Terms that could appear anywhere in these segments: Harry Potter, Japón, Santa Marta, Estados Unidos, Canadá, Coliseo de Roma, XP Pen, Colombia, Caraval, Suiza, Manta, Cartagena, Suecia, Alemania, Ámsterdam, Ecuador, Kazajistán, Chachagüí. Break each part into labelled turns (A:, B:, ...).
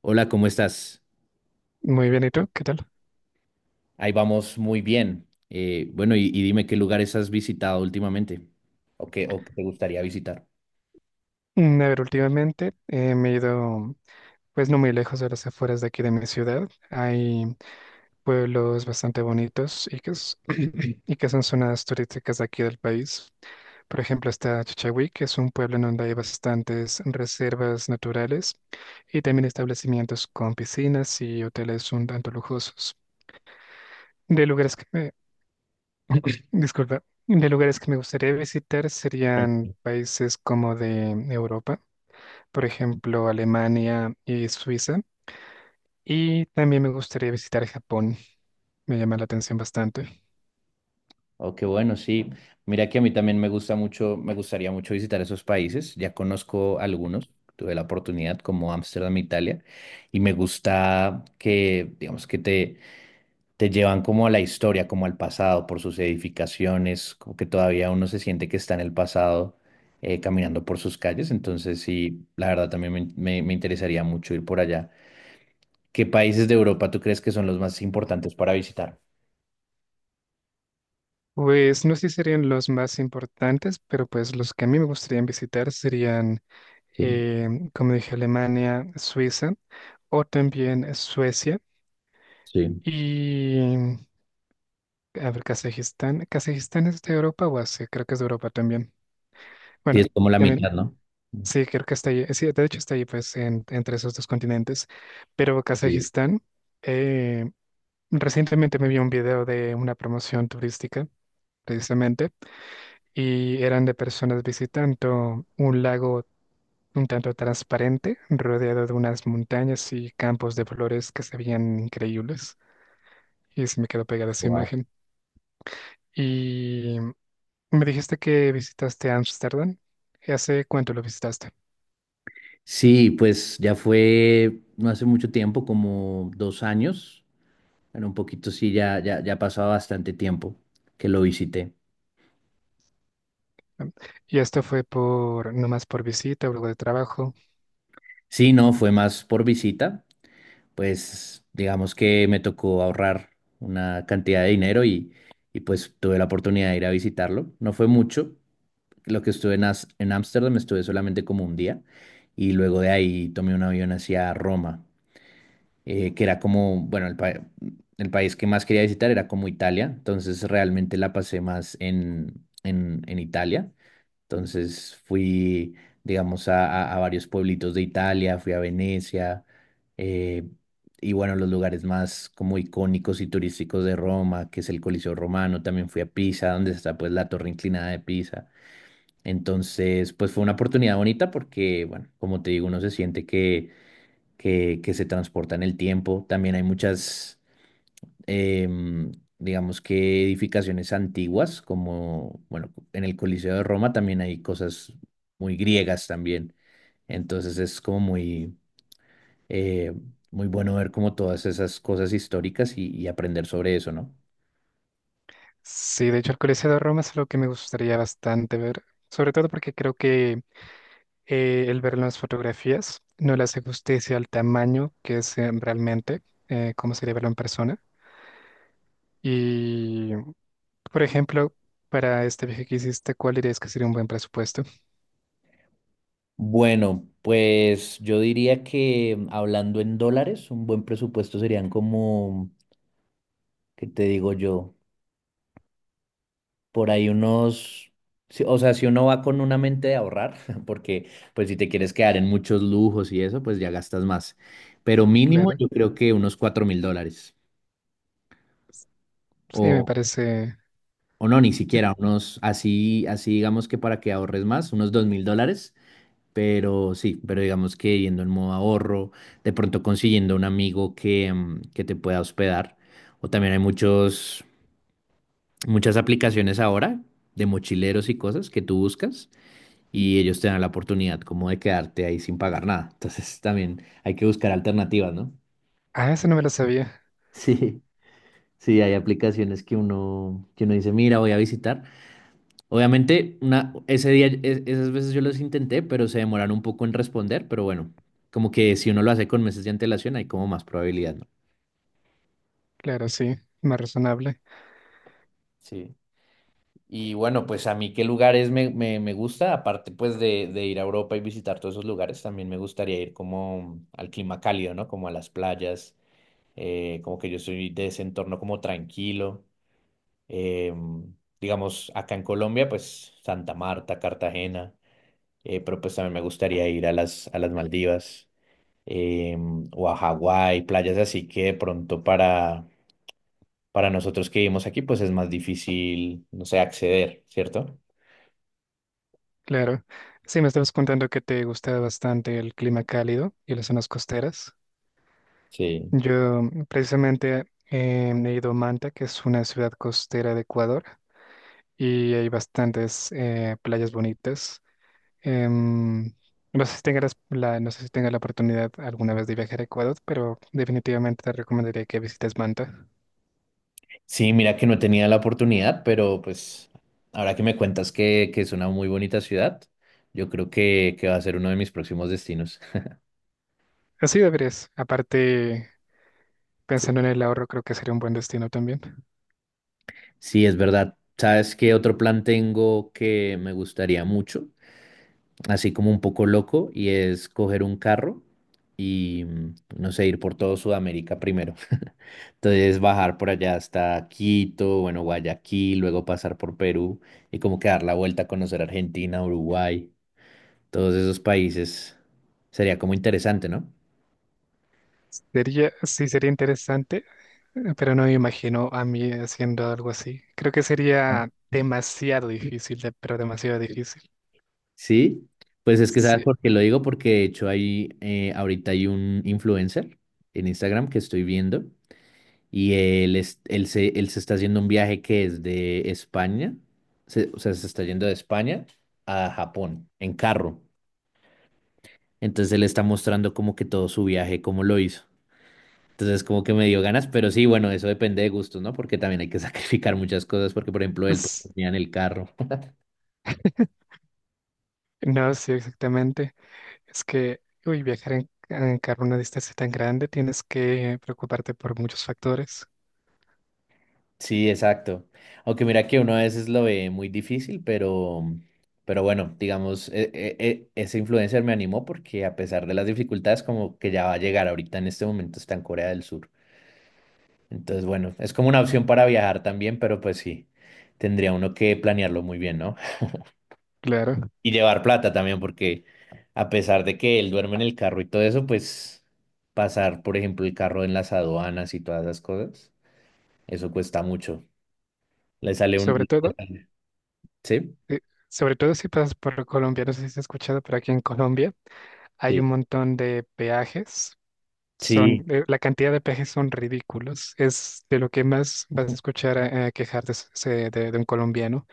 A: Hola, ¿cómo estás?
B: Muy bien, ¿y tú? ¿Qué tal?
A: Ahí vamos muy bien. Bueno, y dime qué lugares has visitado últimamente o qué te gustaría visitar.
B: A ver, últimamente me he ido, pues no muy lejos de las afueras de aquí de mi ciudad. Hay pueblos bastante bonitos y y que son zonas turísticas de aquí del país. Por ejemplo, está Chachagüí, que es un pueblo en donde hay bastantes reservas naturales y también establecimientos con piscinas y hoteles un tanto lujosos. De lugares que me, disculpa, de lugares que me gustaría visitar serían países como de Europa. Por ejemplo, Alemania y Suiza. Y también me gustaría visitar Japón, me llama la atención bastante.
A: Oh, qué bueno, sí. Mira que a mí también me gusta mucho, me gustaría mucho visitar esos países. Ya conozco algunos, tuve la oportunidad como Ámsterdam, Italia, y me gusta que, digamos, que te llevan como a la historia, como al pasado, por sus edificaciones, como que todavía uno se siente que está en el pasado caminando por sus calles. Entonces, sí, la verdad también me interesaría mucho ir por allá. ¿Qué países de Europa tú crees que son los más importantes para visitar?
B: Pues no sé si serían los más importantes, pero pues los que a mí me gustaría visitar serían,
A: Sí,
B: como dije, Alemania, Suiza o también Suecia
A: sí.
B: y, a ver, Kazajistán. ¿Kazajistán es de Europa o Asia? Creo que es de Europa también.
A: Sí,
B: Bueno,
A: es como la
B: también
A: mitad, ¿no?
B: sí, creo que está allí. Sí, de hecho está allí, pues, entre esos dos continentes. Pero
A: Sí,
B: Kazajistán, eh, recientemente me vi un video de una promoción turística, precisamente, y eran de personas visitando un lago un tanto transparente, rodeado de unas montañas y campos de flores que se veían increíbles. Y se me quedó pegada esa
A: wow.
B: imagen. Y me dijiste que visitaste Ámsterdam. ¿Hace cuánto lo visitaste?
A: Sí, pues ya fue no hace mucho tiempo, como 2 años. Bueno, un poquito sí, ya ha pasado bastante tiempo que lo visité.
B: Y esto fue por, no más por visita o algo de trabajo.
A: Sí, no, fue más por visita. Pues digamos que me tocó ahorrar una cantidad de dinero y pues tuve la oportunidad de ir a visitarlo. No fue mucho, lo que estuve en Ámsterdam estuve solamente como 1 día y luego de ahí tomé un avión hacia Roma, que era como, bueno, el país que más quería visitar era como Italia, entonces realmente la pasé más en, en Italia. Entonces fui, digamos, a varios pueblitos de Italia, fui a Venecia, eh, y bueno, los lugares más como icónicos y turísticos de Roma, que es el Coliseo Romano, también fui a Pisa, donde está pues la torre inclinada de Pisa. Entonces, pues fue una oportunidad bonita porque, bueno, como te digo, uno se siente que se transporta en el tiempo. También hay muchas em, digamos que edificaciones antiguas, como, bueno, en el Coliseo de Roma también hay cosas muy griegas también. Entonces es como muy, eh, muy bueno ver como todas esas cosas históricas y aprender sobre eso, ¿no?
B: Sí, de hecho, el Coliseo de Roma es algo que me gustaría bastante ver, sobre todo porque creo que el ver las fotografías no le hace justicia al tamaño que es realmente, cómo sería verlo en persona. Y, por ejemplo, para este viaje que hiciste, ¿cuál dirías que sería un buen presupuesto?
A: Bueno, pues yo diría que hablando en dólares, un buen presupuesto serían como, ¿qué te digo yo? Por ahí unos, o sea, si uno va con una mente de ahorrar, porque pues si te quieres quedar en muchos lujos y eso, pues ya gastas más. Pero mínimo
B: Claro.
A: yo creo que unos $4.000.
B: Sí, me
A: O,
B: parece.
A: o no, ni siquiera, unos así, así digamos que para que ahorres más, unos $2.000. Pero sí, pero digamos que yendo en modo ahorro, de pronto consiguiendo un amigo que, que te pueda hospedar. O también hay muchos, muchas aplicaciones ahora de mochileros y cosas que tú buscas y ellos te dan la oportunidad como de quedarte ahí sin pagar nada. Entonces también hay que buscar alternativas, ¿no?
B: Ah, eso no me lo sabía.
A: Sí, sí, hay aplicaciones que uno dice, mira, voy a visitar. Obviamente, una, ese día, esas veces yo los intenté, pero se demoraron un poco en responder, pero bueno, como que si uno lo hace con meses de antelación, hay como más probabilidad, ¿no?
B: Claro, sí, más razonable.
A: Sí. Y bueno, pues a mí qué lugares me gusta, aparte pues de ir a Europa y visitar todos esos lugares, también me gustaría ir como al clima cálido, ¿no? Como a las playas. Como que yo soy de ese entorno como tranquilo. eh, digamos, acá en Colombia, pues Santa Marta, Cartagena, pero pues también me gustaría ir a las Maldivas eh, o a Hawái, playas así que de pronto para nosotros que vivimos aquí, pues es más difícil, no sé, acceder, ¿cierto?
B: Claro. Sí, me estabas contando que te gusta bastante el clima cálido y las zonas costeras.
A: Sí.
B: Yo precisamente he ido a Manta, que es una ciudad costera de Ecuador, y hay bastantes playas bonitas. Em, no sé si tengas la oportunidad alguna vez de viajar a Ecuador, pero definitivamente te recomendaría que visites Manta.
A: Sí, mira que no tenía la oportunidad, pero pues ahora que me cuentas que es una muy bonita ciudad, yo creo que va a ser uno de mis próximos destinos.
B: Así deberías. Aparte, pensando en el ahorro, creo que sería un buen destino también.
A: Sí, es verdad. ¿Sabes qué otro plan tengo que me gustaría mucho? Así como un poco loco, y es coger un carro y, no sé, ir por todo Sudamérica primero. Entonces bajar por allá hasta Quito, bueno, Guayaquil, luego pasar por Perú y como que dar la vuelta a conocer Argentina, Uruguay, todos esos países. Sería como interesante, ¿no?
B: Sería, sí, sería interesante, pero no me imagino a mí haciendo algo así. Creo que sería demasiado pero demasiado difícil.
A: Sí, pues es que sabes
B: Sí,
A: por qué lo digo, porque de hecho hay, ahorita hay un influencer en Instagram que estoy viendo y él se está haciendo un viaje que es de España, o sea, se está yendo de España a Japón en carro. Entonces él está mostrando como que todo su viaje, cómo lo hizo. Entonces como que me dio ganas, pero sí, bueno, eso depende de gustos, ¿no? Porque también hay que sacrificar muchas cosas, porque por ejemplo él pues,
B: es-
A: dormía en el carro.
B: no, sí, exactamente. Es que, uy, viajar en carro una distancia tan grande, tienes que preocuparte por muchos factores.
A: Sí, exacto. Aunque mira que uno a veces lo ve muy difícil, pero bueno, digamos, ese influencer me animó porque a pesar de las dificultades, como que ya va a llegar ahorita en este momento está en Corea del Sur. Entonces, bueno, es como una opción para viajar también, pero pues sí, tendría uno que planearlo muy bien, ¿no?
B: Claro.
A: Y llevar plata también, porque a pesar de que él duerme en el carro y todo eso, pues pasar, por ejemplo, el carro en las aduanas y todas esas cosas, eso cuesta mucho. Le sale un...
B: Sobre todo,
A: sale- ¿Sí?
B: eh, sobre todo si pasas por Colombia, no sé si has escuchado, pero aquí en Colombia hay un
A: Sí,
B: montón de peajes.
A: sí,
B: Son, la cantidad de peajes son ridículos. Es de lo que más vas a escuchar a quejarte de un colombiano.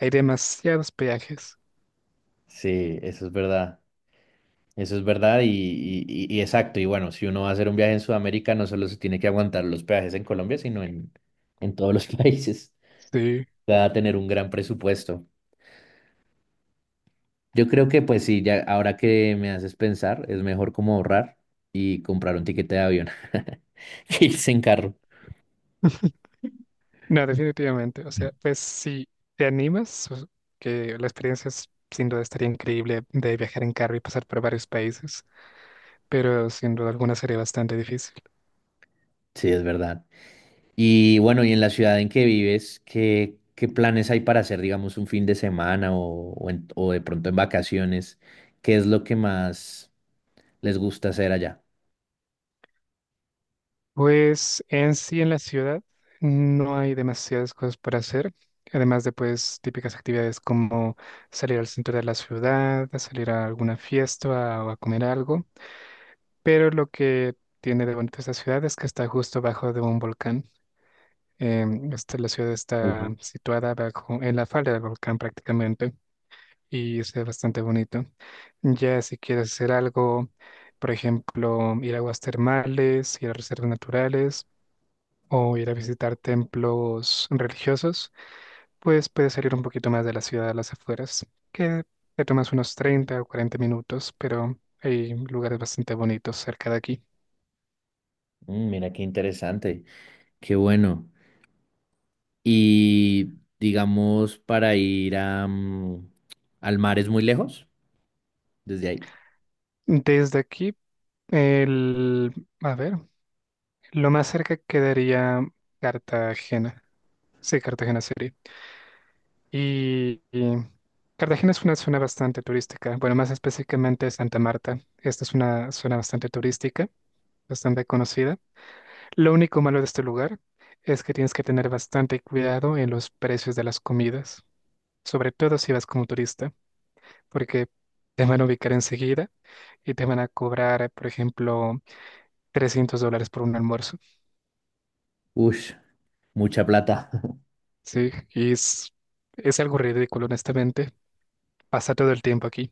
B: Hay demasiados peajes.
A: sí, eso es verdad y exacto, y bueno, si uno va a hacer un viaje en Sudamérica, no solo se tiene que aguantar los peajes en Colombia, sino en todos los países,
B: Sí.
A: va a tener un gran presupuesto. Yo creo que pues sí, ya ahora que me haces pensar, es mejor como ahorrar y comprar un tiquete de avión que irse en carro.
B: No, definitivamente. O sea, pues si te animas, que la experiencia es, sin duda estaría increíble de viajar en carro y pasar por varios países, pero sin duda alguna sería bastante difícil.
A: Sí, es verdad. Y bueno, y en la ciudad en que vives, ¿qué, qué planes hay para hacer, digamos, un fin de semana o o de pronto en vacaciones? ¿Qué es lo que más les gusta hacer allá?
B: Pues en sí en la ciudad no hay demasiadas cosas para hacer, además de pues típicas actividades como salir al centro de la ciudad, a salir a alguna fiesta o a comer algo, pero lo que tiene de bonito esta ciudad es que está justo bajo de un volcán. La ciudad está
A: Ujú.
B: situada bajo, en la falda del volcán prácticamente y es bastante bonito. Ya si quieres hacer algo, por ejemplo, ir a aguas termales, ir a reservas naturales o ir a visitar templos religiosos, pues puedes salir un poquito más de la ciudad a las afueras, que te tomas unos 30 o 40 minutos, pero hay lugares bastante bonitos cerca de aquí.
A: Mira qué interesante, qué bueno. Y digamos, para ir a, al mar es muy lejos desde ahí.
B: Desde aquí, el, a ver, lo más cerca quedaría Cartagena. Sí, Cartagena City. Y Cartagena es una zona bastante turística. Bueno, más específicamente Santa Marta. Esta es una zona bastante turística, bastante conocida. Lo único malo de este lugar es que tienes que tener bastante cuidado en los precios de las comidas, sobre todo si vas como turista, porque te van a ubicar enseguida y te van a cobrar, por ejemplo, $300 por un almuerzo.
A: Ush, mucha plata.
B: Sí, es algo ridículo, honestamente. Pasa todo el tiempo aquí,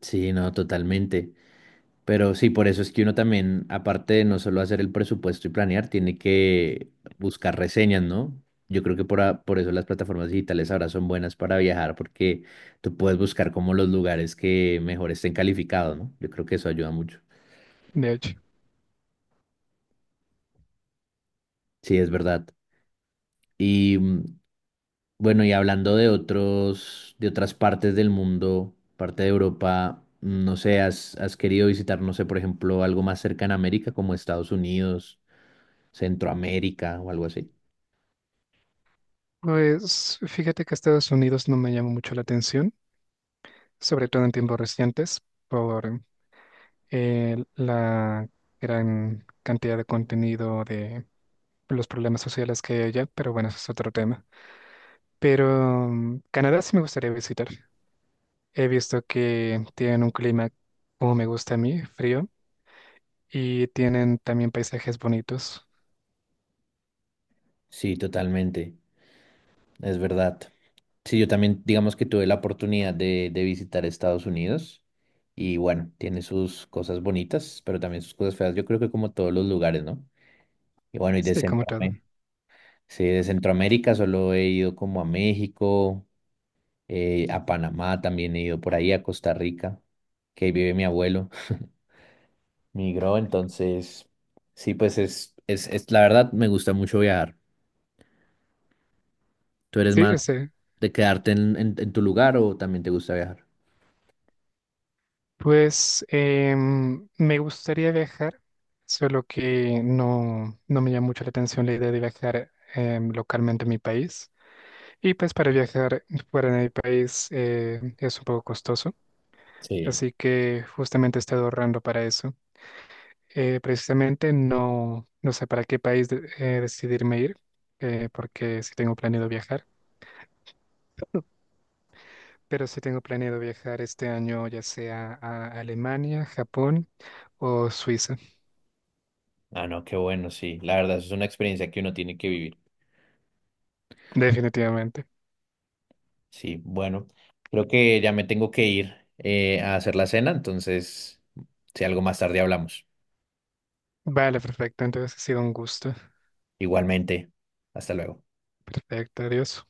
A: Sí, no, totalmente. Pero sí, por eso es que uno también, aparte de no solo hacer el presupuesto y planear, tiene que buscar reseñas, ¿no? Yo creo que por, por eso las plataformas digitales ahora son buenas para viajar, porque tú puedes buscar como los lugares que mejor estén calificados, ¿no? Yo creo que eso ayuda mucho.
B: de hecho.
A: Sí, es verdad. Y bueno, y hablando de otros, de otras partes del mundo, parte de Europa, no sé, has, has querido visitar, no sé, por ejemplo, ¿algo más cerca en América, como Estados Unidos, Centroamérica o algo así?
B: Pues fíjate que Estados Unidos no me llama mucho la atención, sobre todo en tiempos recientes, por la gran cantidad de contenido de los problemas sociales que hay allá, pero bueno, eso es otro tema. Pero Canadá sí me gustaría visitar. He visto que tienen un clima como me gusta a mí, frío, y tienen también paisajes bonitos.
A: Sí, totalmente, es verdad. Sí, yo también, digamos que tuve la oportunidad de visitar Estados Unidos y bueno, tiene sus cosas bonitas, pero también sus cosas feas. Yo creo que como todos los lugares, ¿no? Y bueno, y de
B: Sí, como todo.
A: Centroamérica, sí, de Centroamérica solo he ido como a México, a Panamá también he ido por ahí, a Costa Rica, que ahí vive mi abuelo, migró, entonces, sí, pues es, la verdad me gusta mucho viajar. ¿Tú eres
B: Sí,
A: más
B: lo sé.
A: de quedarte en tu lugar o también te gusta viajar?
B: Pues me gustaría viajar, solo que no me llama mucho la atención la idea de viajar localmente a mi país. Y pues para viajar fuera de mi país es un poco costoso.
A: Sí,
B: Así que justamente he estado ahorrando para eso. Precisamente no sé para qué país decidirme ir, porque sí tengo planeado viajar, pero sí tengo planeado viajar este año ya sea a Alemania, Japón o Suiza.
A: ah, no, qué bueno, sí, la verdad es una experiencia que uno tiene que vivir.
B: Definitivamente.
A: Sí, bueno, creo que ya me tengo que ir a hacer la cena, entonces, si algo más tarde hablamos.
B: Vale, perfecto, entonces ha sido un gusto.
A: Igualmente, hasta luego.
B: Perfecto, adiós.